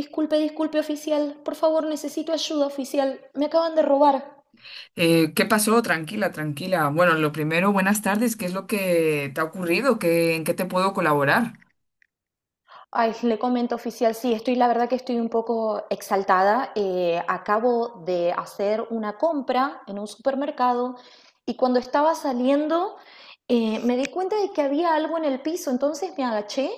Disculpe, disculpe, oficial. Por favor, necesito ayuda, oficial. Me acaban de robar. ¿Qué pasó? Tranquila, tranquila. Bueno, lo primero, buenas tardes. ¿Qué es lo que te ha ocurrido? ¿Qué, en qué te puedo colaborar? Ay, le comento, oficial, sí, estoy, la verdad que estoy un poco exaltada. Acabo de hacer una compra en un supermercado y cuando estaba saliendo me di cuenta de que había algo en el piso, entonces me agaché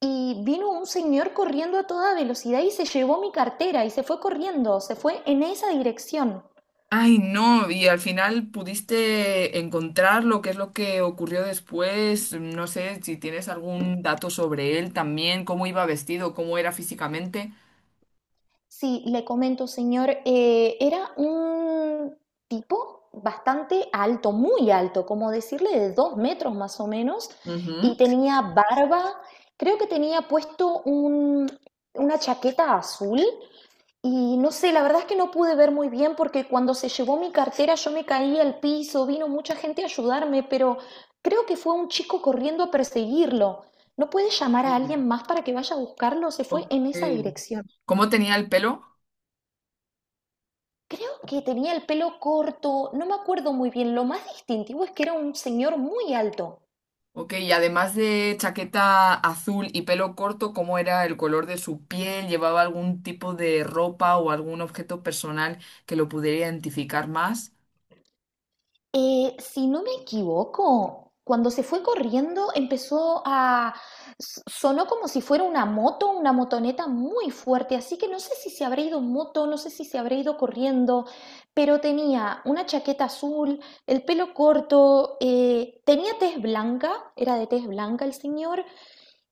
y vino un señor corriendo a toda velocidad y se llevó mi cartera y se fue corriendo, se fue en esa dirección. Ay, no, y al final pudiste encontrarlo, ¿qué es lo que ocurrió después? No sé si tienes algún dato sobre él también, cómo iba vestido, cómo era físicamente. Sí, le comento, señor, era un tipo bastante alto, muy alto, como decirle de 2 metros más o menos, y Ujú. tenía barba, creo que tenía una chaqueta azul, y no sé, la verdad es que no pude ver muy bien porque cuando se llevó mi cartera yo me caí al piso, vino mucha gente a ayudarme, pero creo que fue un chico corriendo a perseguirlo. ¿No puede llamar a Sí. alguien más para que vaya a buscarlo? Se fue Ok. en esa dirección. ¿Cómo tenía el pelo? Creo que tenía el pelo corto, no me acuerdo muy bien. Lo más distintivo es que era un señor muy alto. Ok, y además de chaqueta azul y pelo corto, ¿cómo era el color de su piel? ¿Llevaba algún tipo de ropa o algún objeto personal que lo pudiera identificar más? Si no me equivoco, cuando se fue corriendo empezó a... Sonó como si fuera una moto, una motoneta muy fuerte, así que no sé si se habrá ido en moto, no sé si se habrá ido corriendo, pero tenía una chaqueta azul, el pelo corto, tenía tez blanca, era de tez blanca el señor.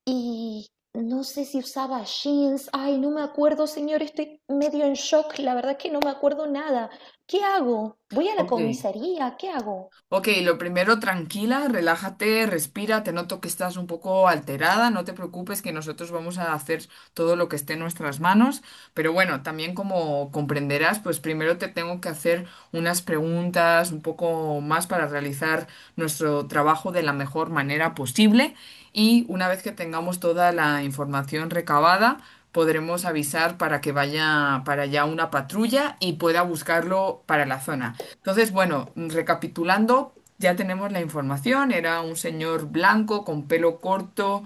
Y no sé si usaba jeans. Ay, no me acuerdo, señor. Estoy medio en shock. La verdad que no me acuerdo nada. ¿Qué hago? ¿Voy a la Ok. comisaría? ¿Qué hago? Ok, lo primero, tranquila, relájate, respira, te noto que estás un poco alterada, no te preocupes que nosotros vamos a hacer todo lo que esté en nuestras manos, pero bueno, también como comprenderás, pues primero te tengo que hacer unas preguntas un poco más para realizar nuestro trabajo de la mejor manera posible y una vez que tengamos toda la información recabada, podremos avisar para que vaya para allá una patrulla y pueda buscarlo para la zona. Entonces, bueno, recapitulando, ya tenemos la información. Era un señor blanco con pelo corto,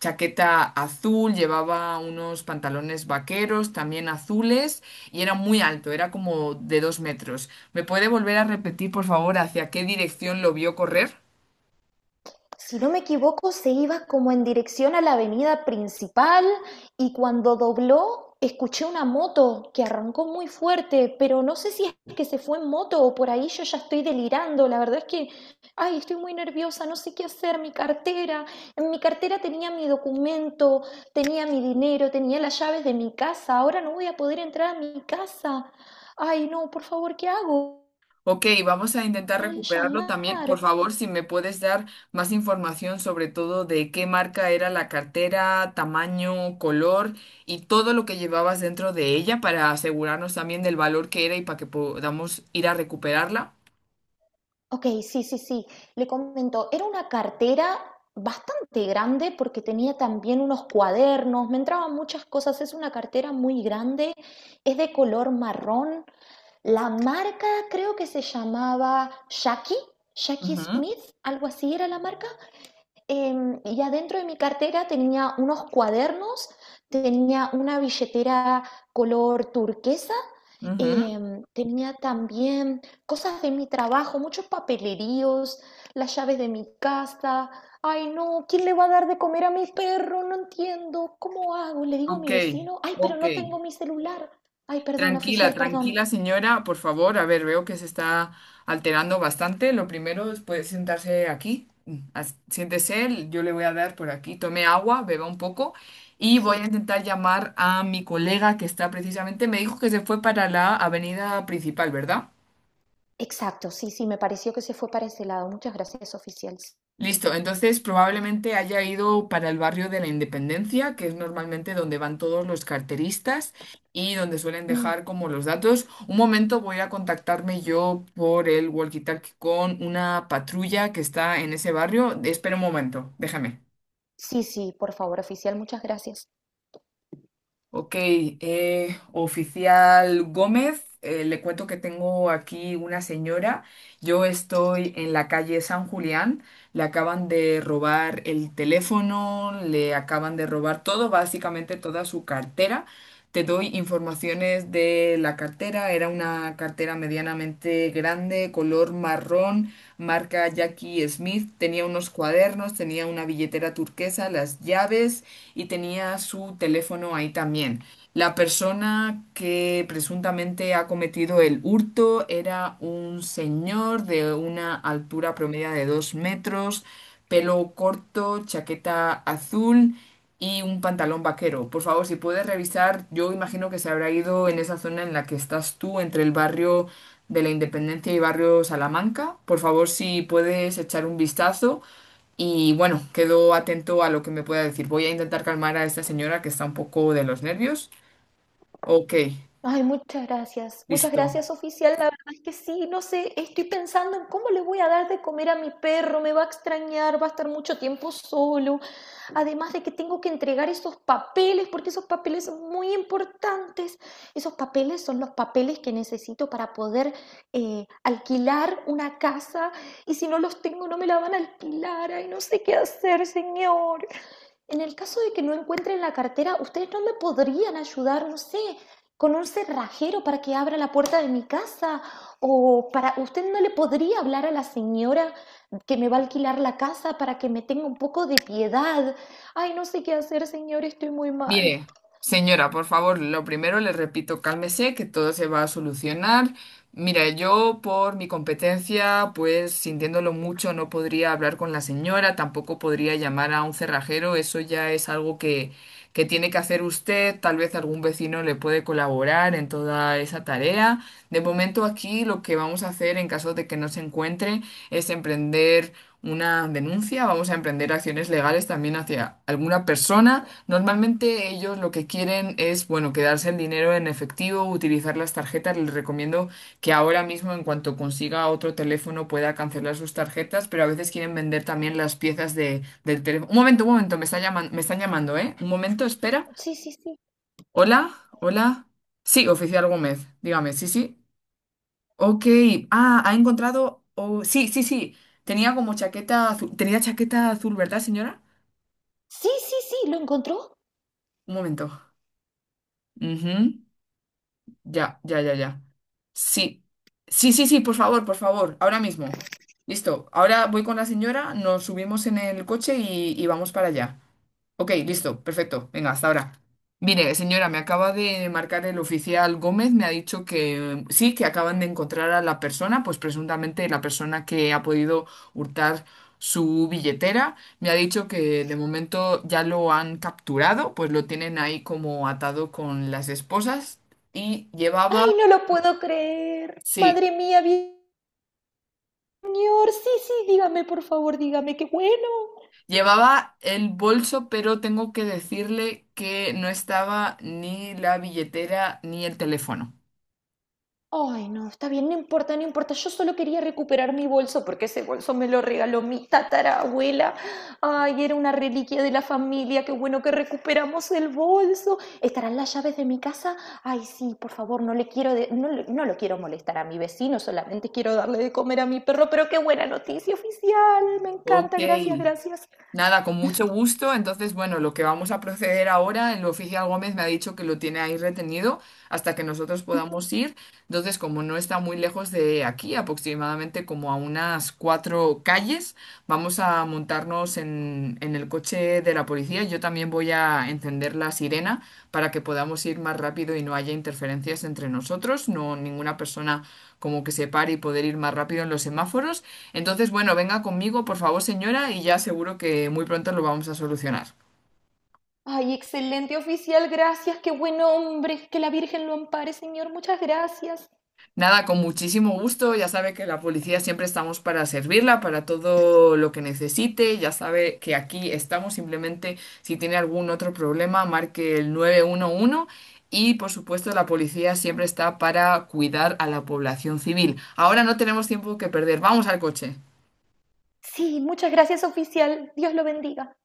chaqueta azul, llevaba unos pantalones vaqueros también azules y era muy alto, era como de 2 metros. ¿Me puede volver a repetir, por favor, hacia qué dirección lo vio correr? Si no me equivoco, se iba como en dirección a la avenida principal y cuando dobló escuché una moto que arrancó muy fuerte, pero no sé si es que se fue en moto o por ahí yo ya estoy delirando. La verdad es que, ay, estoy muy nerviosa, no sé qué hacer, mi cartera. En mi cartera tenía mi documento, tenía mi dinero, tenía las llaves de mi casa. Ahora no voy a poder entrar a mi casa. Ay, no, por favor, ¿qué hago? Ok, vamos a intentar recuperarlo también. Llamar. Por favor, si me puedes dar más información sobre todo de qué marca era la cartera, tamaño, color y todo lo que llevabas dentro de ella para asegurarnos también del valor que era y para que podamos ir a recuperarla. Okey, sí, sí, sí. Le comento, era una cartera bastante grande porque tenía también unos cuadernos, me entraban muchas cosas. Es una cartera muy grande, es de color marrón. La marca creo que se llamaba Jackie, Jackie Ujú, Smith, algo así era la marca. Y adentro de mi cartera tenía unos cuadernos, tenía una billetera color turquesa. ujú. Tenía también cosas de mi trabajo, muchos papeleríos, las llaves de mi casa. Ay, no, ¿quién le va a dar de comer a mi perro? No entiendo. ¿Cómo hago? Le digo a mi Ok, vecino, ay, pero ok. no tengo mi celular. Ay, perdón, Tranquila, oficial, perdón. tranquila, señora, por favor. A ver, veo que se está alterando bastante. Lo primero es puede sentarse aquí. Siéntese, yo le voy a dar por aquí. Tome agua, beba un poco y voy a Sí, intentar llamar a mi colega que está precisamente, me dijo que se fue para la avenida principal, ¿verdad? exacto, sí, sí, me pareció que se fue para ese lado. Muchas gracias, oficial. Sí. Listo, entonces probablemente haya ido para el barrio de la Independencia, que es normalmente donde van todos los carteristas y donde suelen Mm, dejar como los datos. Un momento, voy a contactarme yo por el walkie-talkie con una patrulla que está en ese barrio. Espera un momento, déjame. sí, sí, por favor, oficial, muchas gracias. Ok, oficial Gómez, le cuento que tengo aquí una señora. Yo estoy en la calle San Julián. Le acaban de robar el teléfono, le acaban de robar todo, básicamente toda su cartera. Te doy informaciones de la cartera. Era una cartera medianamente grande, color marrón, marca Jackie Smith. Tenía unos cuadernos, tenía una billetera turquesa, las llaves y tenía su teléfono ahí también. La persona que presuntamente ha cometido el hurto era un señor de una altura promedia de 2 metros, pelo corto, chaqueta azul y un pantalón vaquero. Por favor, si puedes revisar, yo imagino que se habrá ido en esa zona en la que estás tú, entre el barrio de la Independencia y barrio Salamanca. Por favor, si puedes echar un vistazo y bueno, quedo atento a lo que me pueda decir. Voy a intentar calmar a esta señora que está un poco de los nervios. Ok, Ay, muchas gracias. Muchas listo. gracias, oficial. La verdad es que sí, no sé, estoy pensando en cómo le voy a dar de comer a mi perro. Me va a extrañar, va a estar mucho tiempo solo. Además de que tengo que entregar esos papeles, porque esos papeles son muy importantes. Esos papeles son los papeles que necesito para poder alquilar una casa. Y si no los tengo, no me la van a alquilar. Ay, no sé qué hacer, señor. En el caso de que no encuentren la cartera, ¿ustedes no me podrían ayudar, no sé, con un cerrajero para que abra la puerta de mi casa? ¿O para usted no le podría hablar a la señora que me va a alquilar la casa para que me tenga un poco de piedad? Ay, no sé qué hacer, señor, estoy muy mal. Mire, señora, por favor, lo primero le repito, cálmese, que todo se va a solucionar. Mira, yo por mi competencia, pues sintiéndolo mucho, no podría hablar con la señora, tampoco podría llamar a un cerrajero, eso ya es algo que tiene que hacer usted, tal vez algún vecino le puede colaborar en toda esa tarea. De momento aquí lo que vamos a hacer en caso de que no se encuentre es emprender una denuncia, vamos a emprender acciones legales también hacia alguna persona. Normalmente ellos lo que quieren es, bueno, quedarse el dinero en efectivo, utilizar las tarjetas. Les recomiendo que ahora mismo, en cuanto consiga otro teléfono, pueda cancelar sus tarjetas, pero a veces quieren vender también las piezas del teléfono. Un momento, me están llamando, ¿eh? Un momento, espera. Sí, sí, sí. Hola, hola. Sí, oficial Gómez, dígame, sí, sí. Ok, ah, ha encontrado. Oh, sí, sí, sí. Tenía como chaqueta azul. Tenía chaqueta azul, ¿verdad, señora? Sí, sí, sí, ¿lo encontró? Un momento. Ujú. Ya, ya, ya, ya. Sí. Sí, sí, sí, por favor, por favor. Ahora mismo. Listo. Ahora voy con la señora, nos subimos en el coche y vamos para allá. Ok, listo, perfecto. Venga, hasta ahora. Mire, señora, me acaba de marcar el oficial Gómez, me ha dicho que sí, que acaban de encontrar a la persona, pues presuntamente la persona que ha podido hurtar su billetera. Me ha dicho que de momento ya lo han capturado, pues lo tienen ahí como atado con las esposas y Ay, llevaba, no lo puedo creer. sí, Madre mía, señor. Sí, sí, dígame, por favor, dígame, qué bueno. llevaba el bolso, pero tengo que decirle que no estaba ni la billetera ni el teléfono. Ay, no, está bien, no importa, no importa. Yo solo quería recuperar mi bolso porque ese bolso me lo regaló mi tatarabuela. Ay, era una reliquia de la familia. Qué bueno que recuperamos el bolso. ¿Estarán las llaves de mi casa? Ay, sí, por favor, no le quiero de- no, le- no lo quiero molestar a mi vecino, solamente quiero darle de comer a mi perro, pero qué buena noticia oficial. Me Ok. encanta, gracias, gracias. Nada, con mucho gusto. Entonces, bueno, lo que vamos a proceder ahora, el oficial Gómez me ha dicho que lo tiene ahí retenido hasta que nosotros podamos ir. Entonces, como no está muy lejos de aquí, aproximadamente como a unas 4 calles, vamos a montarnos en el coche de la policía. Yo también voy a encender la sirena para que podamos ir más rápido y no haya interferencias entre nosotros, no ninguna persona como que se pare y poder ir más rápido en los semáforos. Entonces, bueno, venga conmigo, por favor, señora, y ya seguro que muy pronto lo vamos a solucionar. Ay, excelente oficial, gracias, qué buen hombre, que la Virgen lo ampare, señor, muchas gracias. Nada, con muchísimo gusto, ya sabe que la policía siempre estamos para servirla, para todo lo que necesite, ya sabe que aquí estamos, simplemente si tiene algún otro problema, marque el 911 y por supuesto la policía siempre está para cuidar a la población civil. Ahora no tenemos tiempo que perder, vamos al coche. Sí, muchas gracias oficial. Dios lo bendiga.